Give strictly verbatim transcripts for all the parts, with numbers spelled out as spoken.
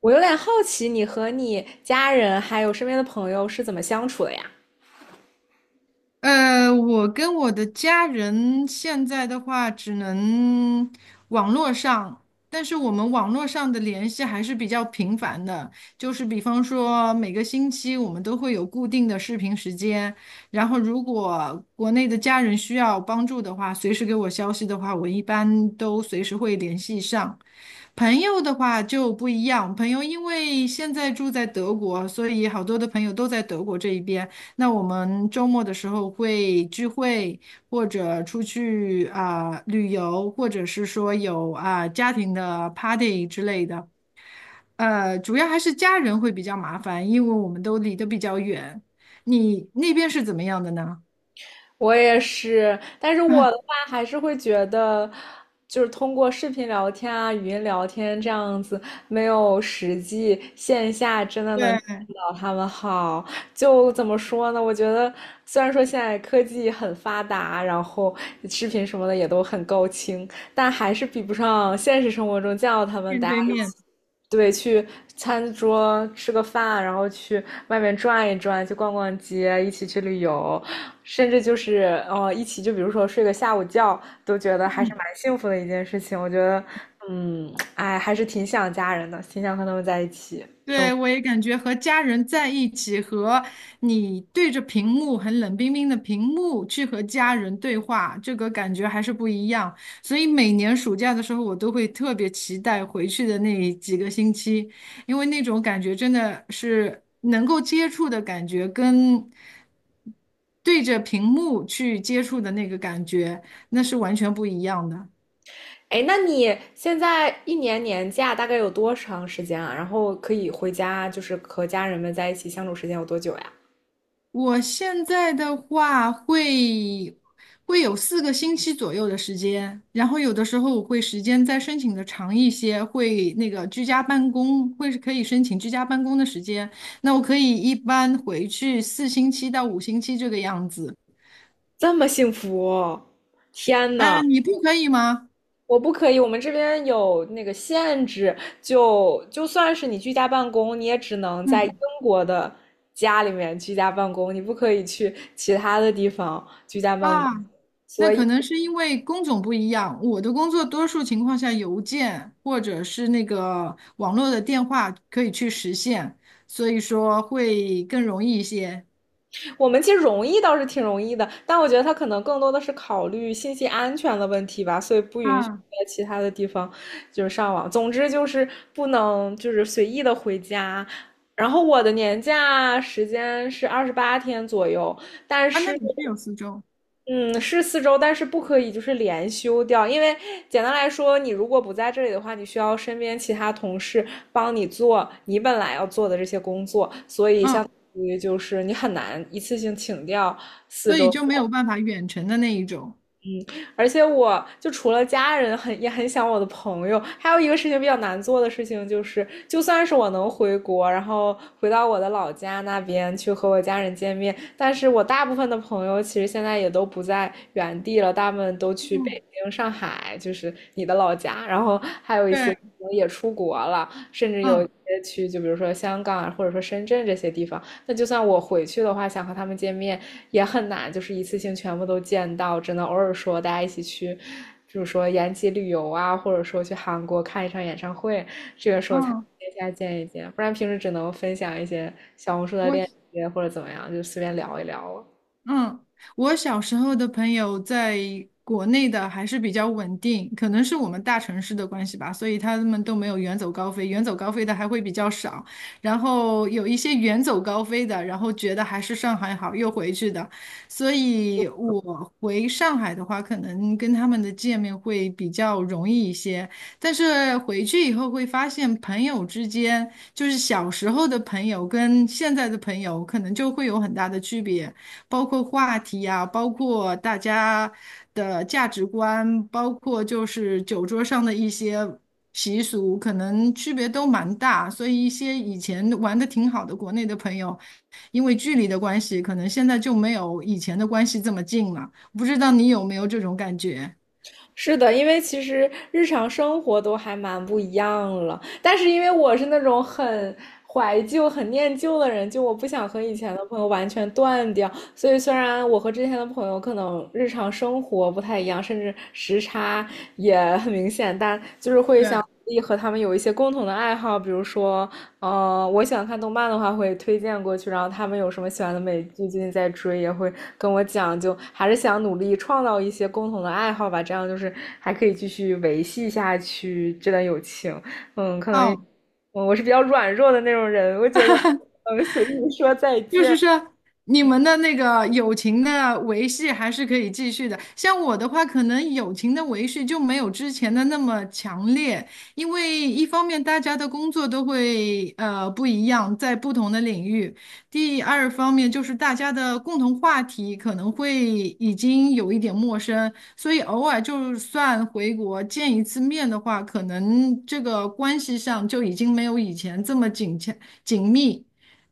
我有点好奇，你和你家人还有身边的朋友是怎么相处的呀？呃，我跟我的家人现在的话，只能网络上，但是我们网络上的联系还是比较频繁的，就是比方说每个星期我们都会有固定的视频时间，然后如果国内的家人需要帮助的话，随时给我消息的话，我一般都随时会联系上。朋友的话就不一样，朋友因为现在住在德国，所以好多的朋友都在德国这一边。那我们周末的时候会聚会，或者出去啊、旅游，或者是说有啊、家庭的 party 之类的。呃，主要还是家人会比较麻烦，因为我们都离得比较远。你那边是怎么样的呢？我也是，但是 我啊，的话还是会觉得，就是通过视频聊天啊、语音聊天这样子，没有实际线下真的能见对，到他们好。就怎么说呢？我觉得虽然说现在科技很发达，然后视频什么的也都很高清，但还是比不上现实生活中见到他们面大家。对面。对，去餐桌吃个饭，然后去外面转一转，去逛逛街，一起去旅游，甚至就是哦，一起就比如说睡个下午觉，都觉得还是蛮幸福的一件事情。我觉得，嗯，哎，还是挺想家人的，挺想和他们在一起。对，我也感觉和家人在一起，和你对着屏幕很冷冰冰的屏幕去和家人对话，这个感觉还是不一样。所以每年暑假的时候，我都会特别期待回去的那几个星期，因为那种感觉真的是能够接触的感觉，跟对着屏幕去接触的那个感觉，那是完全不一样的。哎，那你现在一年年假大概有多长时间啊？然后可以回家，就是和家人们在一起相处时间有多久呀？我现在的话会会有四个星期左右的时间，然后有的时候我会时间再申请的长一些，会那个居家办公，会是可以申请居家办公的时间。那我可以一般回去四星期到五星期这个样子。这么幸福哦。天呐！嗯，你不可以吗？我不可以，我们这边有那个限制，就就算是你居家办公，你也只能在英嗯。国的家里面居家办公，你不可以去其他的地方居家办啊，公。那可能是因为工种不一样。我的工作多数情况下，邮件或者是那个网络的电话可以去实现，所以说会更容易一些。我们其实容易倒是挺容易的，但我觉得它可能更多的是考虑信息安全的问题吧，所以不允许啊在其他的地方就是上网。总之就是不能就是随意的回家。然后我的年假时间是二十八天左右，但啊，那是你是有四周，嗯，是四周，但是不可以就是连休掉，因为简单来说，你如果不在这里的话，你需要身边其他同事帮你做你本来要做的这些工作，所以相嗯，当于就是你很难一次性请掉四所以周。就没有办法远程的那一种。而且我就除了家人很也很想我的朋友，还有一个事情比较难做的事情就是，就算是我能回国，然后回到我的老家那边去和我家人见面，但是我大部分的朋友其实现在也都不在原地了，大部分都去北嗯，京、上海，就是你的老家，然后还有一对，些也出国了，甚至有一嗯些去就比如说香港啊或者说深圳这些地方。那就算我回去的话，想和他们见面也很难，就是一次性全部都见到，只能偶尔说大家一起去，就是说延吉旅游啊，或者说去韩国看一场演唱会，这个时候才嗯，线下见一见，不然平时只能分享一些小红书的我链接或者怎么样，就随便聊一聊了。嗯，我小时候的朋友在国内的还是比较稳定，可能是我们大城市的关系吧，所以他们都没有远走高飞，远走高飞的还会比较少。然后有一些远走高飞的，然后觉得还是上海好，又回去的。所以我回上海的话，可能跟他们的见面会比较容易一些。但是回去以后会发现，朋友之间就是小时候的朋友跟现在的朋友，可能就会有很大的区别，包括话题啊，包括大家的价值观，包括就是酒桌上的一些习俗，可能区别都蛮大。所以一些以前玩的挺好的国内的朋友，因为距离的关系，可能现在就没有以前的关系这么近了。不知道你有没有这种感觉？是的，因为其实日常生活都还蛮不一样了，但是因为我是那种很怀旧、很念旧的人，就我不想和以前的朋友完全断掉，所以虽然我和之前的朋友可能日常生活不太一样，甚至时差也很明显，但就是会对，想。和他们有一些共同的爱好，比如说嗯，我想看动漫的话，会推荐过去，然后他们有什么喜欢的美剧，最近在追，也会跟我讲，就还是想努力创造一些共同的爱好吧，这样就是还可以继续维系下去这段友情。嗯，可能也嗯。嗯，我是比较软弱的那种人，我觉得，嗯，随意说再就见。是说，你们的那个友情的维系还是可以继续的。像我的话，可能友情的维系就没有之前的那么强烈，因为一方面大家的工作都会呃不一样，在不同的领域；第二方面就是大家的共同话题可能会已经有一点陌生，所以偶尔就算回国见一次面的话，可能这个关系上就已经没有以前这么紧切紧密。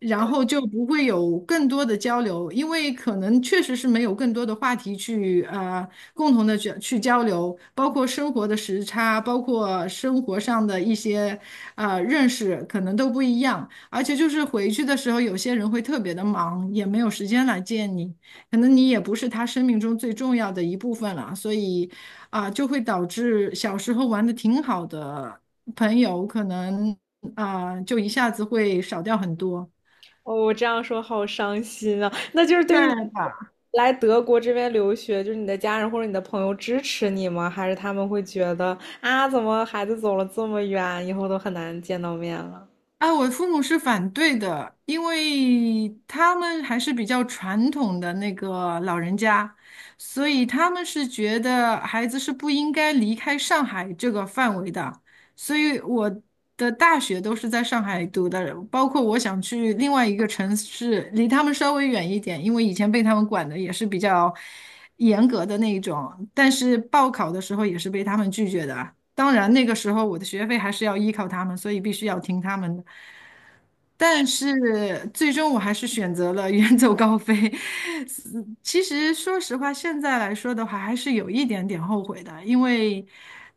然后就不会有更多的交流，因为可能确实是没有更多的话题去呃共同的去去交流，包括生活的时差，包括生活上的一些呃认识，可能都不一样。而且就是回去的时候，有些人会特别的忙，也没有时间来见你，可能你也不是他生命中最重要的一部分了，所以啊、就会导致小时候玩的挺好的朋友，可能啊、就一下子会少掉很多。哦，我这样说好伤心啊！那就是对对于你的，来德国这边留学，就是你的家人或者你的朋友支持你吗？还是他们会觉得啊，怎么孩子走了这么远，以后都很难见到面了？哎，我父母是反对的，因为他们还是比较传统的那个老人家，所以他们是觉得孩子是不应该离开上海这个范围的。所以我的大学都是在上海读的，包括我想去另外一个城市，离他们稍微远一点，因为以前被他们管的也是比较严格的那一种，但是报考的时候也是被他们拒绝的。当然那个时候我的学费还是要依靠他们，所以必须要听他们的。但是最终我还是选择了远走高飞。其实说实话，现在来说的话，还是有一点点后悔的，因为，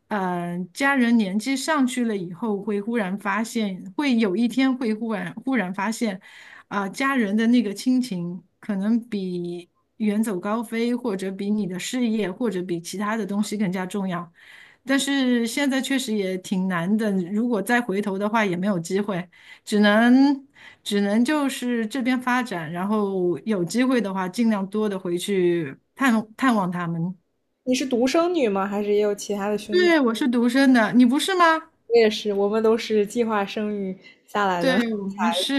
呃，家人年纪上去了以后，会忽然发现，会有一天会忽然忽然发现，啊，家人的那个亲情，可能比远走高飞，或者比你的事业，或者比其他的东西更加重要。但是现在确实也挺难的，如果再回头的话，也没有机会，只能只能就是这边发展，然后有机会的话，尽量多的回去探探望他们。你是独生女吗？还是也有其他的兄弟姐对，妹？我是独生的，你不是吗？我也是，我们都是计划生育下来的。对，我们是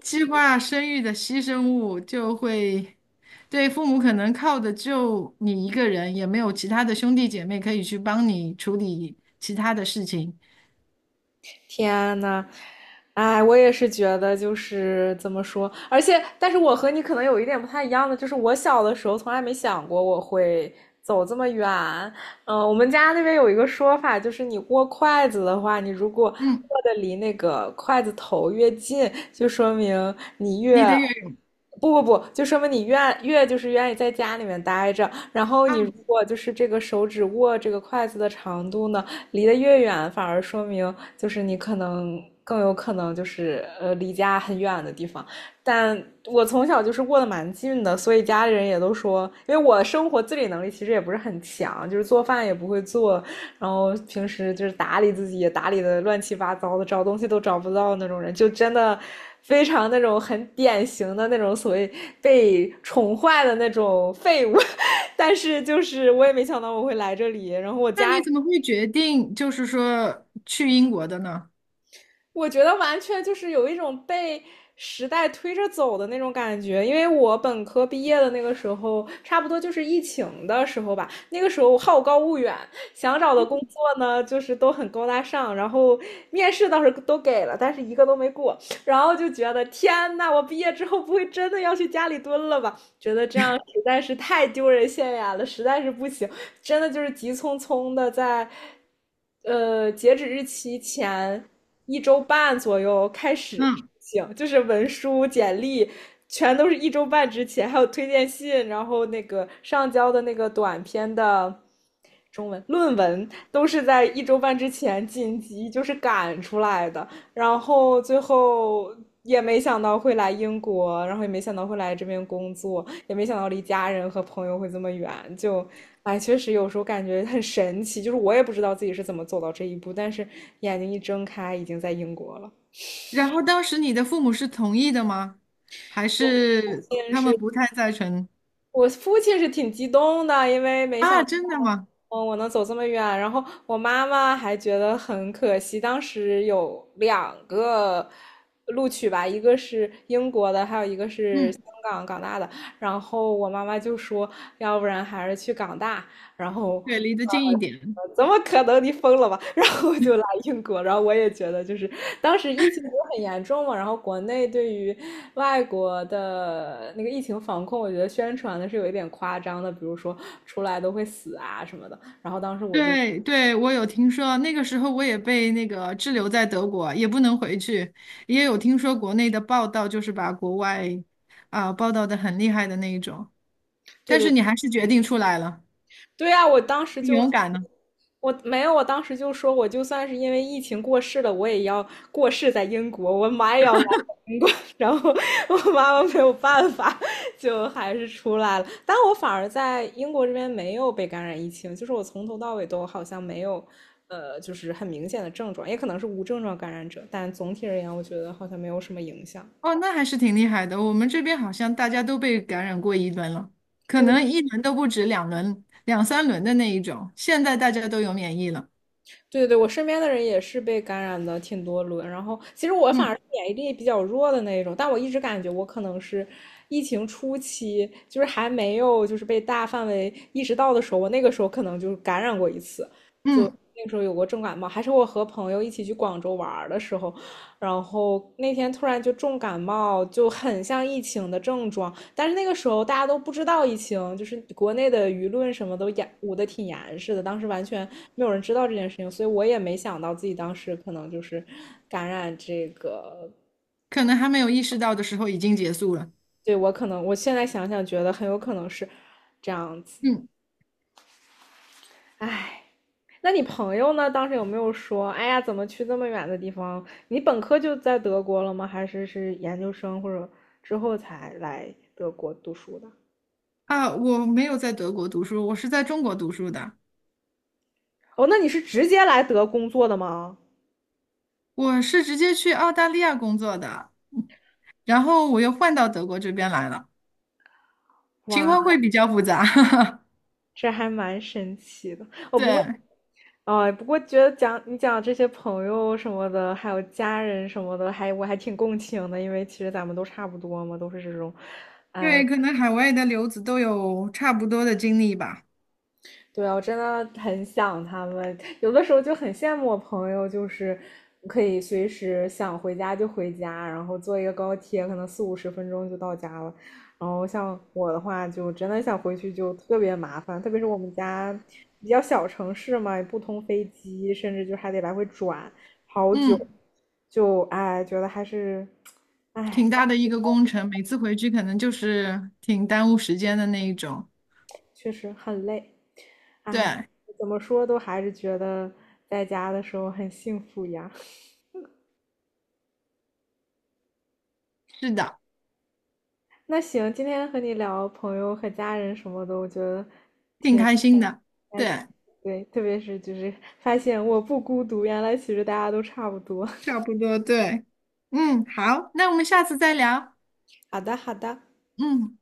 计划生育的牺牲物，就会对父母可能靠的就你一个人，也没有其他的兄弟姐妹可以去帮你处理其他的事情。天呐，哎，我也是觉得就是怎么说，而且，但是我和你可能有一点不太一样的，就是我小的时候从来没想过我会走这么远。嗯、我们家那边有一个说法，就是你握筷子的话，你如果嗯，握的离那个筷子头越近，就说明你离越。得越远不不不，就说明你愿越就是愿意在家里面待着，然后啊，你如果就是这个手指握这个筷子的长度呢，离得越远，反而说明就是你可能更有可能就是呃离家很远的地方。但我从小就是过得蛮近的，所以家里人也都说，因为我的生活自理能力其实也不是很强，就是做饭也不会做，然后平时就是打理自己也打理的乱七八糟的，找东西都找不到那种人，就真的非常那种很典型的那种所谓被宠坏的那种废物。但是就是我也没想到我会来这里，然后我那家你怎么会决定就是说去英国的呢？我觉得完全就是有一种被时代推着走的那种感觉，因为我本科毕业的那个时候，差不多就是疫情的时候吧。那个时候好高骛远，想找的工作呢，就是都很高大上，然后面试倒是都给了，但是一个都没过。然后就觉得天呐，我毕业之后不会真的要去家里蹲了吧？觉得这样实在是太丢人现眼了，实在是不行，真的就是急匆匆的在，呃，截止日期前一周半左右开始嗯，行，就是文书、简历全都是一周半之前，还有推荐信，然后那个上交的那个短篇的中文论文都是在一周半之前紧急就是赶出来的，然后最后也没想到会来英国，然后也没想到会来这边工作，也没想到离家人和朋友会这么远，就，哎，确实有时候感觉很神奇，就是我也不知道自己是怎么走到这一步，但是眼睛一睁开，已经在英国了。然后当时你的父母是同意的吗？还是他们不太赞成？我父亲是挺激动的，因为没想啊，真的吗？嗯，我能走这么远，然后我妈妈还觉得很可惜，当时有两个录取吧，一个是英国的，还有一个是嗯，香港港大的，然后我妈妈就说，要不然还是去港大，然后对，离得近一点。呃怎么可能？你疯了吧？然后我就来英国，然后我也觉得就是当时疫情不是很严重嘛，然后国内对于外国的那个疫情防控，我觉得宣传的是有一点夸张的，比如说出来都会死啊什么的。然后当时我就。对对，我有听说，那个时候我也被那个滞留在德国，也不能回去，也有听说国内的报道，就是把国外啊、报道的很厉害的那一种，对但是对。你还是决定出来了，对呀，我当时挺就勇敢呢？我没有，我当时就说，我就算是因为疫情过世了，我也要过世在英国，我妈也要买英国。然后我妈妈没有办法，就还是出来了。但我反而在英国这边没有被感染疫情，就是我从头到尾都好像没有，呃，就是很明显的症状，也可能是无症状感染者，但总体而言，我觉得好像没有什么影响。哦，那还是挺厉害的。我们这边好像大家都被感染过一轮了，可能一轮都不止两轮、两三轮的那一种，现在大家都有免疫了。对对对，我身边的人也是被感染的挺多轮，然后其实我反而嗯是免疫力比较弱的那一种，但我一直感觉我可能是疫情初期，就是还没有就是被大范围意识到的时候，我那个时候可能就是感染过一次，嗯，那时候有过重感冒，还是我和朋友一起去广州玩儿的时候，然后那天突然就重感冒，就很像疫情的症状。但是那个时候大家都不知道疫情，就是国内的舆论什么都严捂得挺严实的，当时完全没有人知道这件事情，所以我也没想到自己当时可能就是感染这个。可能还没有意识到的时候已经结束了。对，我可能，我现在想想觉得很有可能是这样子，嗯唉。那你朋友呢？当时有没有说，哎呀，怎么去这么远的地方？你本科就在德国了吗？还是是研究生或者之后才来德国读书的？啊，我没有在德国读书，我是在中国读书的。哦，那你是直接来德工作的吗？我是直接去澳大利亚工作的，然后我又换到德国这边来了，情哇，况会比较复杂。这还蛮神奇的。哦，不过，对，哦，不过觉得讲你讲这些朋友什么的，还有家人什么的，还我还挺共情的，因为其实咱们都差不多嘛，都是这种。因为可能海外的留子都有差不多的经历吧。对啊，我真的很想他们，有的时候就很羡慕我朋友，就是可以随时想回家就回家，然后坐一个高铁，可能四五十分钟就到家了。然后像我的话，就真的想回去就特别麻烦，特别是我们家比较小城市嘛，也不通飞机，甚至就还得来回转好久，嗯，就哎，觉得还是，哎，挺大的一个工程，每次回去可能就是挺耽误时间的那一种。确实很累，哎，对，怎么说都还是觉得在家的时候很幸福呀。是的，那行，今天和你聊朋友和家人什么的，我觉得挺开心的。还行。对，对，特别是就是发现我不孤独，原来其实大家都差不多。差 不多，对。嗯，好，那我们下次再聊。好的，好的。嗯。